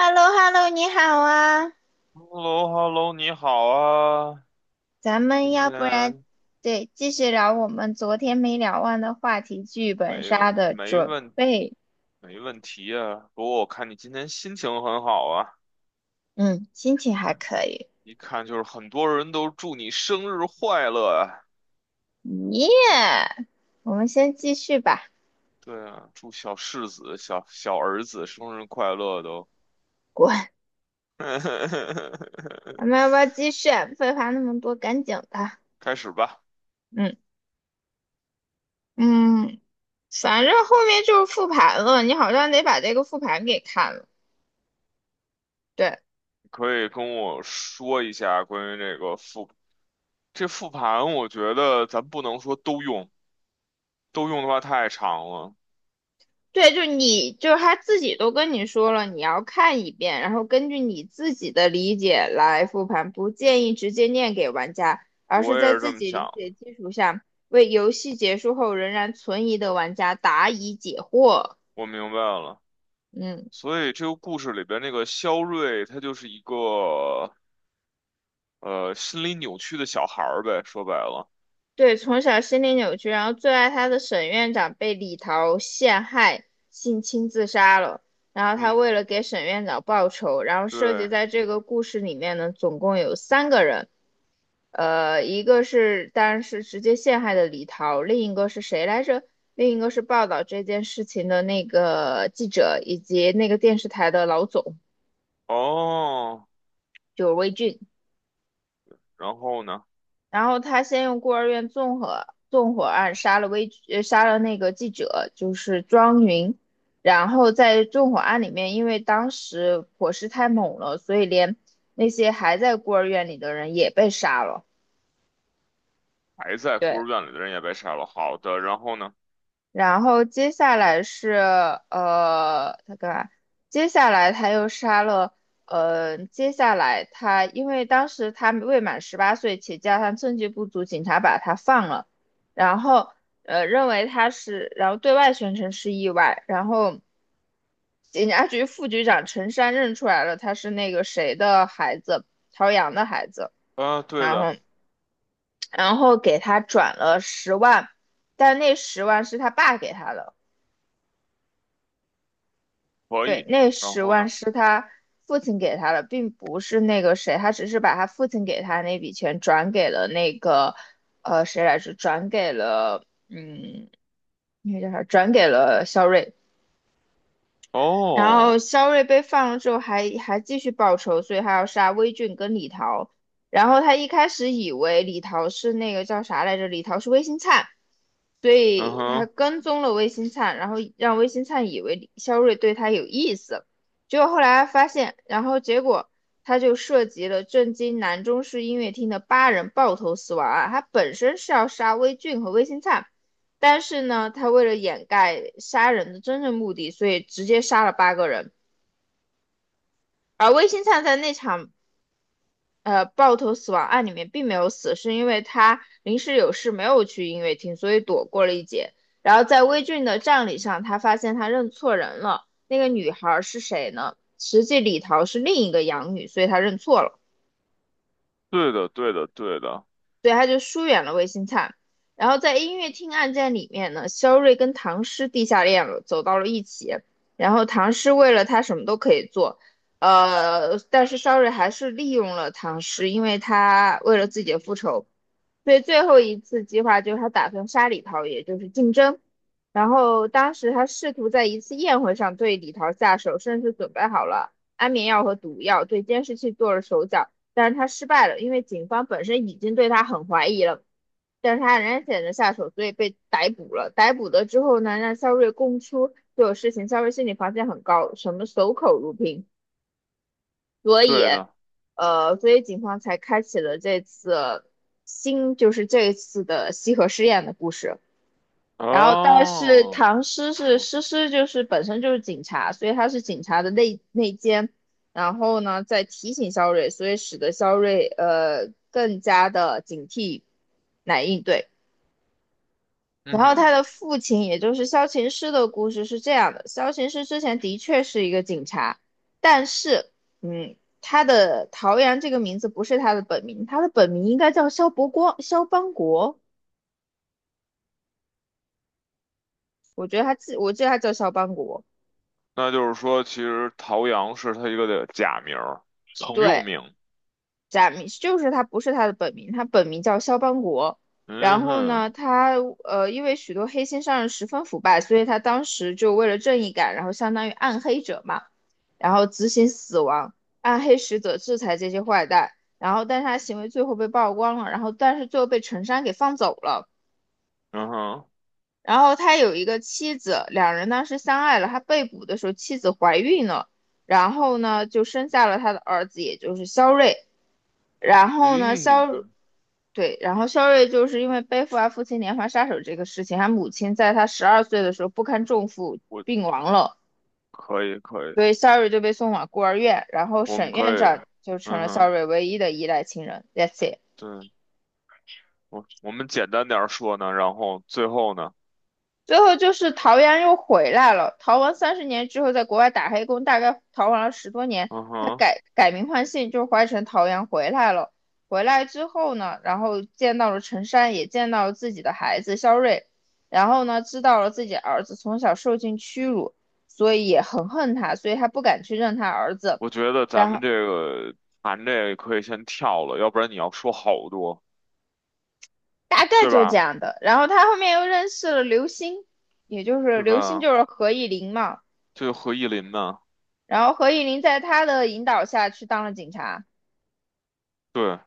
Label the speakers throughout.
Speaker 1: h e l l o h e l l o 你好啊，
Speaker 2: h e l l o h e l l o 你好啊，
Speaker 1: 咱们
Speaker 2: 今
Speaker 1: 要不然
Speaker 2: 天
Speaker 1: 对继续聊我们昨天没聊完的话题——剧
Speaker 2: 没
Speaker 1: 本杀的
Speaker 2: 没
Speaker 1: 准
Speaker 2: 问
Speaker 1: 备。
Speaker 2: 没问题啊。不过我看你今天心情很好啊，
Speaker 1: 嗯，心情
Speaker 2: 一
Speaker 1: 还
Speaker 2: 看
Speaker 1: 可以。
Speaker 2: 一看就是很多人都祝你生日快乐啊。
Speaker 1: 耶、我们先继续吧。
Speaker 2: 对啊，祝小世子、小小儿子生日快乐都。
Speaker 1: 滚，咱们要 不要继续啊废话那么多，赶紧的。
Speaker 2: 开始吧，
Speaker 1: 嗯嗯，反正后面就是复盘了，你好像得把这个复盘给看了。对，
Speaker 2: 你可以跟我说一下关于这个复这复盘，我觉得咱不能说都用，都用的话太长了。
Speaker 1: 对，就是他自己都跟你说了，你要看一遍，然后根据你自己的理解来复盘，不建议直接念给玩家，而是
Speaker 2: 我也
Speaker 1: 在
Speaker 2: 是这
Speaker 1: 自
Speaker 2: 么
Speaker 1: 己
Speaker 2: 想。
Speaker 1: 理解基础上，为游戏结束后仍然存疑的玩家答疑解惑。
Speaker 2: 我明白了。
Speaker 1: 嗯。
Speaker 2: 所以这个故事里边那个肖瑞，他就是一个心理扭曲的小孩儿呗，说白了。
Speaker 1: 对，从小心理扭曲，然后最爱他的沈院长被李桃陷害，性侵自杀了。然后他
Speaker 2: 嗯，
Speaker 1: 为了给沈院长报仇，然后涉及
Speaker 2: 对，
Speaker 1: 在这个故事里面呢，总共有三个人，一个是当然是直接陷害的李桃，另一个是谁来着？另一个是报道这件事情的那个记者，以及那个电视台的老总，
Speaker 2: 哦，
Speaker 1: 就是魏俊。
Speaker 2: 然后呢，
Speaker 1: 然后他先用孤儿院纵火案杀了那个记者，就是庄云，然后在纵火案里面，因为当时火势太猛了，所以连那些还在孤儿院里的人也被杀了。
Speaker 2: 还在孤
Speaker 1: 对。
Speaker 2: 儿院里的人也被杀了。好的，然后呢？
Speaker 1: 然后接下来是他干嘛？接下来他又杀了，接下来他因为当时他未满18岁，且加上证据不足，警察把他放了，然后呃认为他是，然后对外宣称是意外，然后警察局副局长陈山认出来了，他是那个谁的孩子，陶阳的孩子，
Speaker 2: 啊，对
Speaker 1: 然
Speaker 2: 的，
Speaker 1: 后给他转了十万，但那十万是他爸给他的。
Speaker 2: 可
Speaker 1: 对，
Speaker 2: 以。
Speaker 1: 那
Speaker 2: 然
Speaker 1: 十
Speaker 2: 后
Speaker 1: 万
Speaker 2: 呢？
Speaker 1: 是他父亲给他的，并不是那个谁，他只是把他父亲给他那笔钱转给了那个，谁来着？转给了，那个叫啥？转给了肖瑞。然后
Speaker 2: 哦，
Speaker 1: 肖瑞被放了之后还继续报仇，所以他要杀魏俊跟李桃。然后他一开始以为李桃是那个叫啥来着，李桃是魏新灿，所
Speaker 2: 嗯
Speaker 1: 以他
Speaker 2: 哼，
Speaker 1: 跟踪了魏新灿，然后让魏新灿以为李肖瑞对他有意思。结果后来发现，然后结果他就涉及了震惊南中市音乐厅的八人爆头死亡案，他本身是要杀魏俊和魏新灿。但是呢，他为了掩盖杀人的真正目的，所以直接杀了八个人。而魏新灿在那场爆头死亡案里面并没有死，是因为他临时有事没有去音乐厅，所以躲过了一劫。然后在魏俊的葬礼上，他发现他认错人了，那个女孩是谁呢？实际李桃是另一个养女，所以他认错了。
Speaker 2: 对的，对的，对的，
Speaker 1: 所以他就疏远了魏新灿。然后在音乐厅案件里面呢，肖瑞跟唐诗地下恋了，走到了一起。然后唐诗为了他什么都可以做，但是肖瑞还是利用了唐诗，因为他为了自己的复仇。所以最后一次计划就是他打算杀李桃，也就是竞争。然后当时他试图在一次宴会上对李桃下手，甚至准备好了安眠药和毒药，对监视器做了手脚。但是他失败了，因为警方本身已经对他很怀疑了，但是他仍然选择下手，所以被逮捕了。逮捕了之后呢，让肖瑞供出所有事情，肖瑞心理防线很高，什么守口如瓶，所以，
Speaker 2: 对的。
Speaker 1: 所以警方才开启了这次新，就是这次的西河试验的故事。然后但是
Speaker 2: 哦，
Speaker 1: 唐诗
Speaker 2: 你
Speaker 1: 是
Speaker 2: 说，
Speaker 1: 诗诗就是本身就是警察，所以他是警察的内奸，然后呢在提醒肖瑞，所以使得肖瑞更加的警惕来应对。
Speaker 2: 嗯
Speaker 1: 然后
Speaker 2: 哼，
Speaker 1: 他的父亲，也就是萧琴师的故事是这样的：萧琴师之前的确是一个警察，但是他的陶阳这个名字不是他的本名，他的本名应该叫萧伯光、萧邦国。我觉得他记，我记得他叫萧邦国。
Speaker 2: 那就是说，其实陶阳是他一个的假名儿，曾用
Speaker 1: 对，
Speaker 2: 名。
Speaker 1: 假名就是他不是他的本名，他本名叫肖邦国。然
Speaker 2: 嗯
Speaker 1: 后
Speaker 2: 哼。
Speaker 1: 呢，他因为许多黑心商人十分腐败，所以他当时就为了正义感，然后相当于暗黑者嘛，然后执行死亡，暗黑使者制裁这些坏蛋。然后，但是他行为最后被曝光了，然后但是最后被陈山给放走了。
Speaker 2: 嗯哼，
Speaker 1: 然后他有一个妻子，两人当时相爱了。他被捕的时候，妻子怀孕了，然后呢就生下了他的儿子，也就是肖瑞。然后呢，
Speaker 2: 咦，
Speaker 1: 对，然后肖瑞就是因为背负了父亲连环杀手这个事情，他母亲在他12岁的时候不堪重负
Speaker 2: 我
Speaker 1: 病亡了，
Speaker 2: 可以可以，
Speaker 1: 所以肖瑞就被送往孤儿院，然后
Speaker 2: 我们
Speaker 1: 沈
Speaker 2: 可
Speaker 1: 院
Speaker 2: 以，
Speaker 1: 长就成
Speaker 2: 嗯
Speaker 1: 了肖
Speaker 2: 哼，
Speaker 1: 瑞唯一的依赖亲人。That's it。
Speaker 2: 对，我们简单点儿说呢，然后最后呢，
Speaker 1: 最后就是陶阳又回来了。逃亡30年之后，在国外打黑工，大概逃亡了10多年，
Speaker 2: 嗯
Speaker 1: 他
Speaker 2: 哼，
Speaker 1: 改名换姓，就是换成陶阳回来了。回来之后呢，然后见到了陈山，也见到了自己的孩子肖瑞，然后呢，知道了自己儿子从小受尽屈辱，所以也很恨他，所以他不敢去认他儿子。
Speaker 2: 我觉得咱
Speaker 1: 然
Speaker 2: 们
Speaker 1: 后
Speaker 2: 这个谈这个可以先跳了，要不然你要说好多，
Speaker 1: 大概
Speaker 2: 对
Speaker 1: 就这
Speaker 2: 吧？
Speaker 1: 样的。然后他后面又认识了刘星，也就是
Speaker 2: 对
Speaker 1: 刘星
Speaker 2: 吧？
Speaker 1: 就是何以琳嘛。
Speaker 2: 这个何意林呢？
Speaker 1: 然后何以琳在他的引导下去当了警察。
Speaker 2: 对，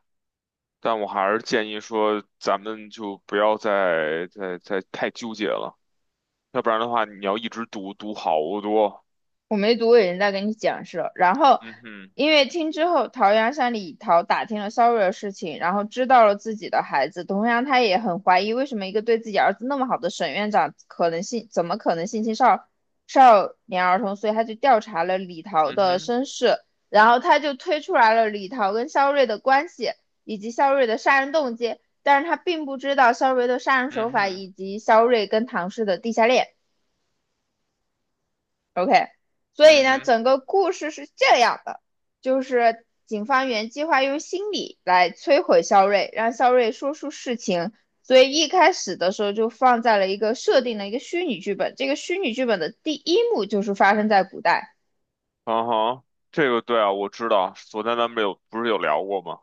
Speaker 2: 但我还是建议说，咱们就不要再太纠结了，要不然的话，你要一直读好多，
Speaker 1: 我没读，我已经在跟你讲是了。然后，
Speaker 2: 嗯哼，
Speaker 1: 音乐厅之后，陶阳向李桃打听了肖扰的事情，然后知道了自己的孩子。同样，他也很怀疑为什么一个对自己儿子那么好的沈院长，可能性怎么可能性侵少年儿童？所以他就调查了李桃
Speaker 2: 嗯
Speaker 1: 的
Speaker 2: 哼，
Speaker 1: 身世，然后他就推出来了李桃跟肖瑞的关系，以及肖瑞的杀人动机。但是他并不知道肖瑞的杀人手
Speaker 2: 嗯
Speaker 1: 法，
Speaker 2: 哼，
Speaker 1: 以及肖瑞跟唐氏的地下恋。OK，所以
Speaker 2: 嗯
Speaker 1: 呢，
Speaker 2: 哼。
Speaker 1: 整个故事是这样的，就是警方原计划用心理来摧毁肖瑞，让肖瑞说出事情，所以一开始的时候就放在了一个设定的一个虚拟剧本。这个虚拟剧本的第一幕就是发生在古代，
Speaker 2: 嗯哼，这个对啊，我知道，昨天咱们有不是有聊过吗？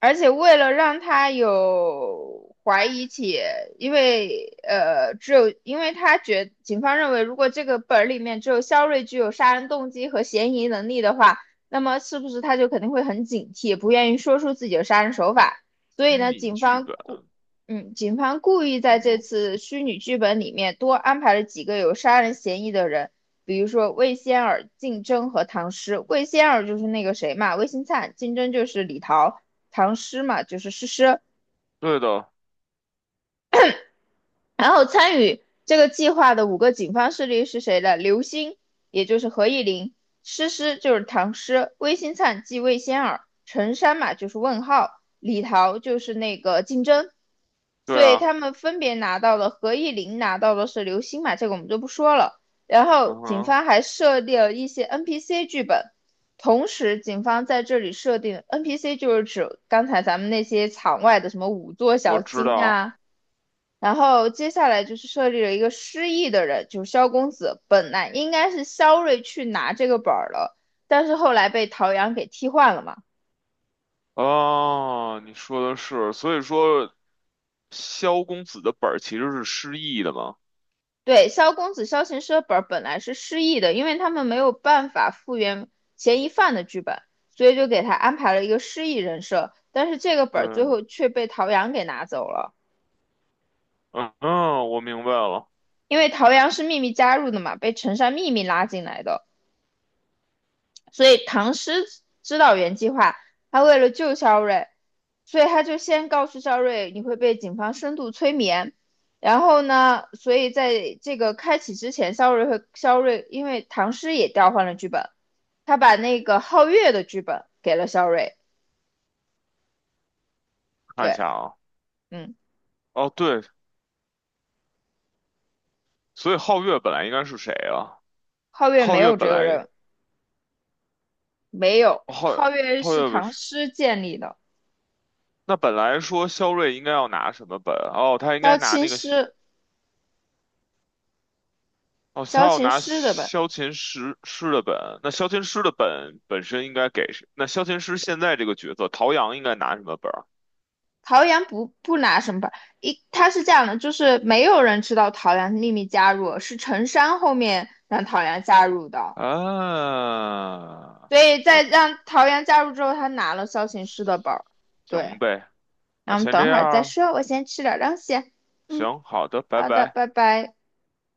Speaker 1: 而且为了让他有怀疑起，因为只有因为警方认为，如果这个本儿里面只有肖瑞具有杀人动机和嫌疑能力的话，那么是不是他就肯定会很警惕，不愿意说出自己的杀人手法？所以
Speaker 2: 虚
Speaker 1: 呢，
Speaker 2: 拟
Speaker 1: 警
Speaker 2: 剧
Speaker 1: 方
Speaker 2: 本，
Speaker 1: 故嗯，警方故意在
Speaker 2: 嗯
Speaker 1: 这
Speaker 2: 哼，
Speaker 1: 次虚拟剧本里面多安排了几个有杀人嫌疑的人，比如说魏仙儿、竞争和唐诗。魏仙儿就是那个谁嘛，魏新灿；竞争就是李桃。唐诗嘛，就是诗诗。
Speaker 2: 对的，
Speaker 1: 然后参与这个计划的五个警方势力是谁呢？刘星，也就是何意林；诗诗就是唐诗；魏新灿即魏仙儿；陈山嘛就是问号；李桃就是那个竞争。
Speaker 2: 对
Speaker 1: 所以
Speaker 2: 啊，
Speaker 1: 他们分别拿到了何意林拿到的是刘星嘛，这个我们就不说了。然后
Speaker 2: 嗯
Speaker 1: 警
Speaker 2: 哼，
Speaker 1: 方还设立了一些 NPC 剧本，同时警方在这里设定 NPC 就是指刚才咱们那些场外的什么五座
Speaker 2: 我
Speaker 1: 小
Speaker 2: 知
Speaker 1: 青
Speaker 2: 道
Speaker 1: 啊。然后接下来就是设立了一个失忆的人，就是萧公子。本来应该是萧睿去拿这个本儿了，但是后来被陶阳给替换了嘛。
Speaker 2: 啊，你说的是，所以说萧公子的本儿其实是失忆的嘛？
Speaker 1: 对，萧公子、萧琴师的本儿本来是失忆的，因为他们没有办法复原嫌疑犯的剧本，所以就给他安排了一个失忆人设。但是这个本儿最
Speaker 2: 对，
Speaker 1: 后却被陶阳给拿走了，
Speaker 2: 嗯嗯，我明白了，
Speaker 1: 因为陶阳是秘密加入的嘛，被陈山秘密拉进来的，所以唐诗知道原计划，他为了救萧睿。所以他就先告诉肖瑞，你会被警方深度催眠。然后呢，所以在这个开启之前，肖瑞和肖瑞，因为唐诗也调换了剧本，他把那个皓月的剧本给了肖瑞。
Speaker 2: 看一
Speaker 1: 对，
Speaker 2: 下啊，
Speaker 1: 嗯，
Speaker 2: 哦对，所以皓月本来应该是谁啊？
Speaker 1: 皓月
Speaker 2: 皓
Speaker 1: 没
Speaker 2: 月
Speaker 1: 有
Speaker 2: 本
Speaker 1: 这个
Speaker 2: 来，
Speaker 1: 人，没有，
Speaker 2: 皓
Speaker 1: 皓月
Speaker 2: 皓
Speaker 1: 是
Speaker 2: 月本
Speaker 1: 唐
Speaker 2: 是，
Speaker 1: 诗建立的，
Speaker 2: 那本来说萧睿应该要拿什么本？哦，他应该
Speaker 1: 萧
Speaker 2: 拿
Speaker 1: 琴
Speaker 2: 那个。
Speaker 1: 诗，
Speaker 2: 哦，他
Speaker 1: 萧
Speaker 2: 要
Speaker 1: 琴
Speaker 2: 拿
Speaker 1: 诗的本。
Speaker 2: 萧琴师的本，那萧琴师的本本身应该给谁？那萧琴师现在这个角色，陶阳应该拿什么本儿
Speaker 1: 陶阳不拿什么本，一他是这样的，就是没有人知道陶阳秘密加入，是陈山后面让陶阳加入的。
Speaker 2: 啊？
Speaker 1: 所以
Speaker 2: 我
Speaker 1: 在
Speaker 2: 知
Speaker 1: 让桃园加入之后，他拿了萧琴师的包对，
Speaker 2: 行呗，
Speaker 1: 那
Speaker 2: 那
Speaker 1: 我们
Speaker 2: 先这
Speaker 1: 等会
Speaker 2: 样
Speaker 1: 儿再
Speaker 2: 儿，
Speaker 1: 说，我先吃点东西。嗯，
Speaker 2: 行，好的，拜
Speaker 1: 好的，
Speaker 2: 拜。
Speaker 1: 拜拜。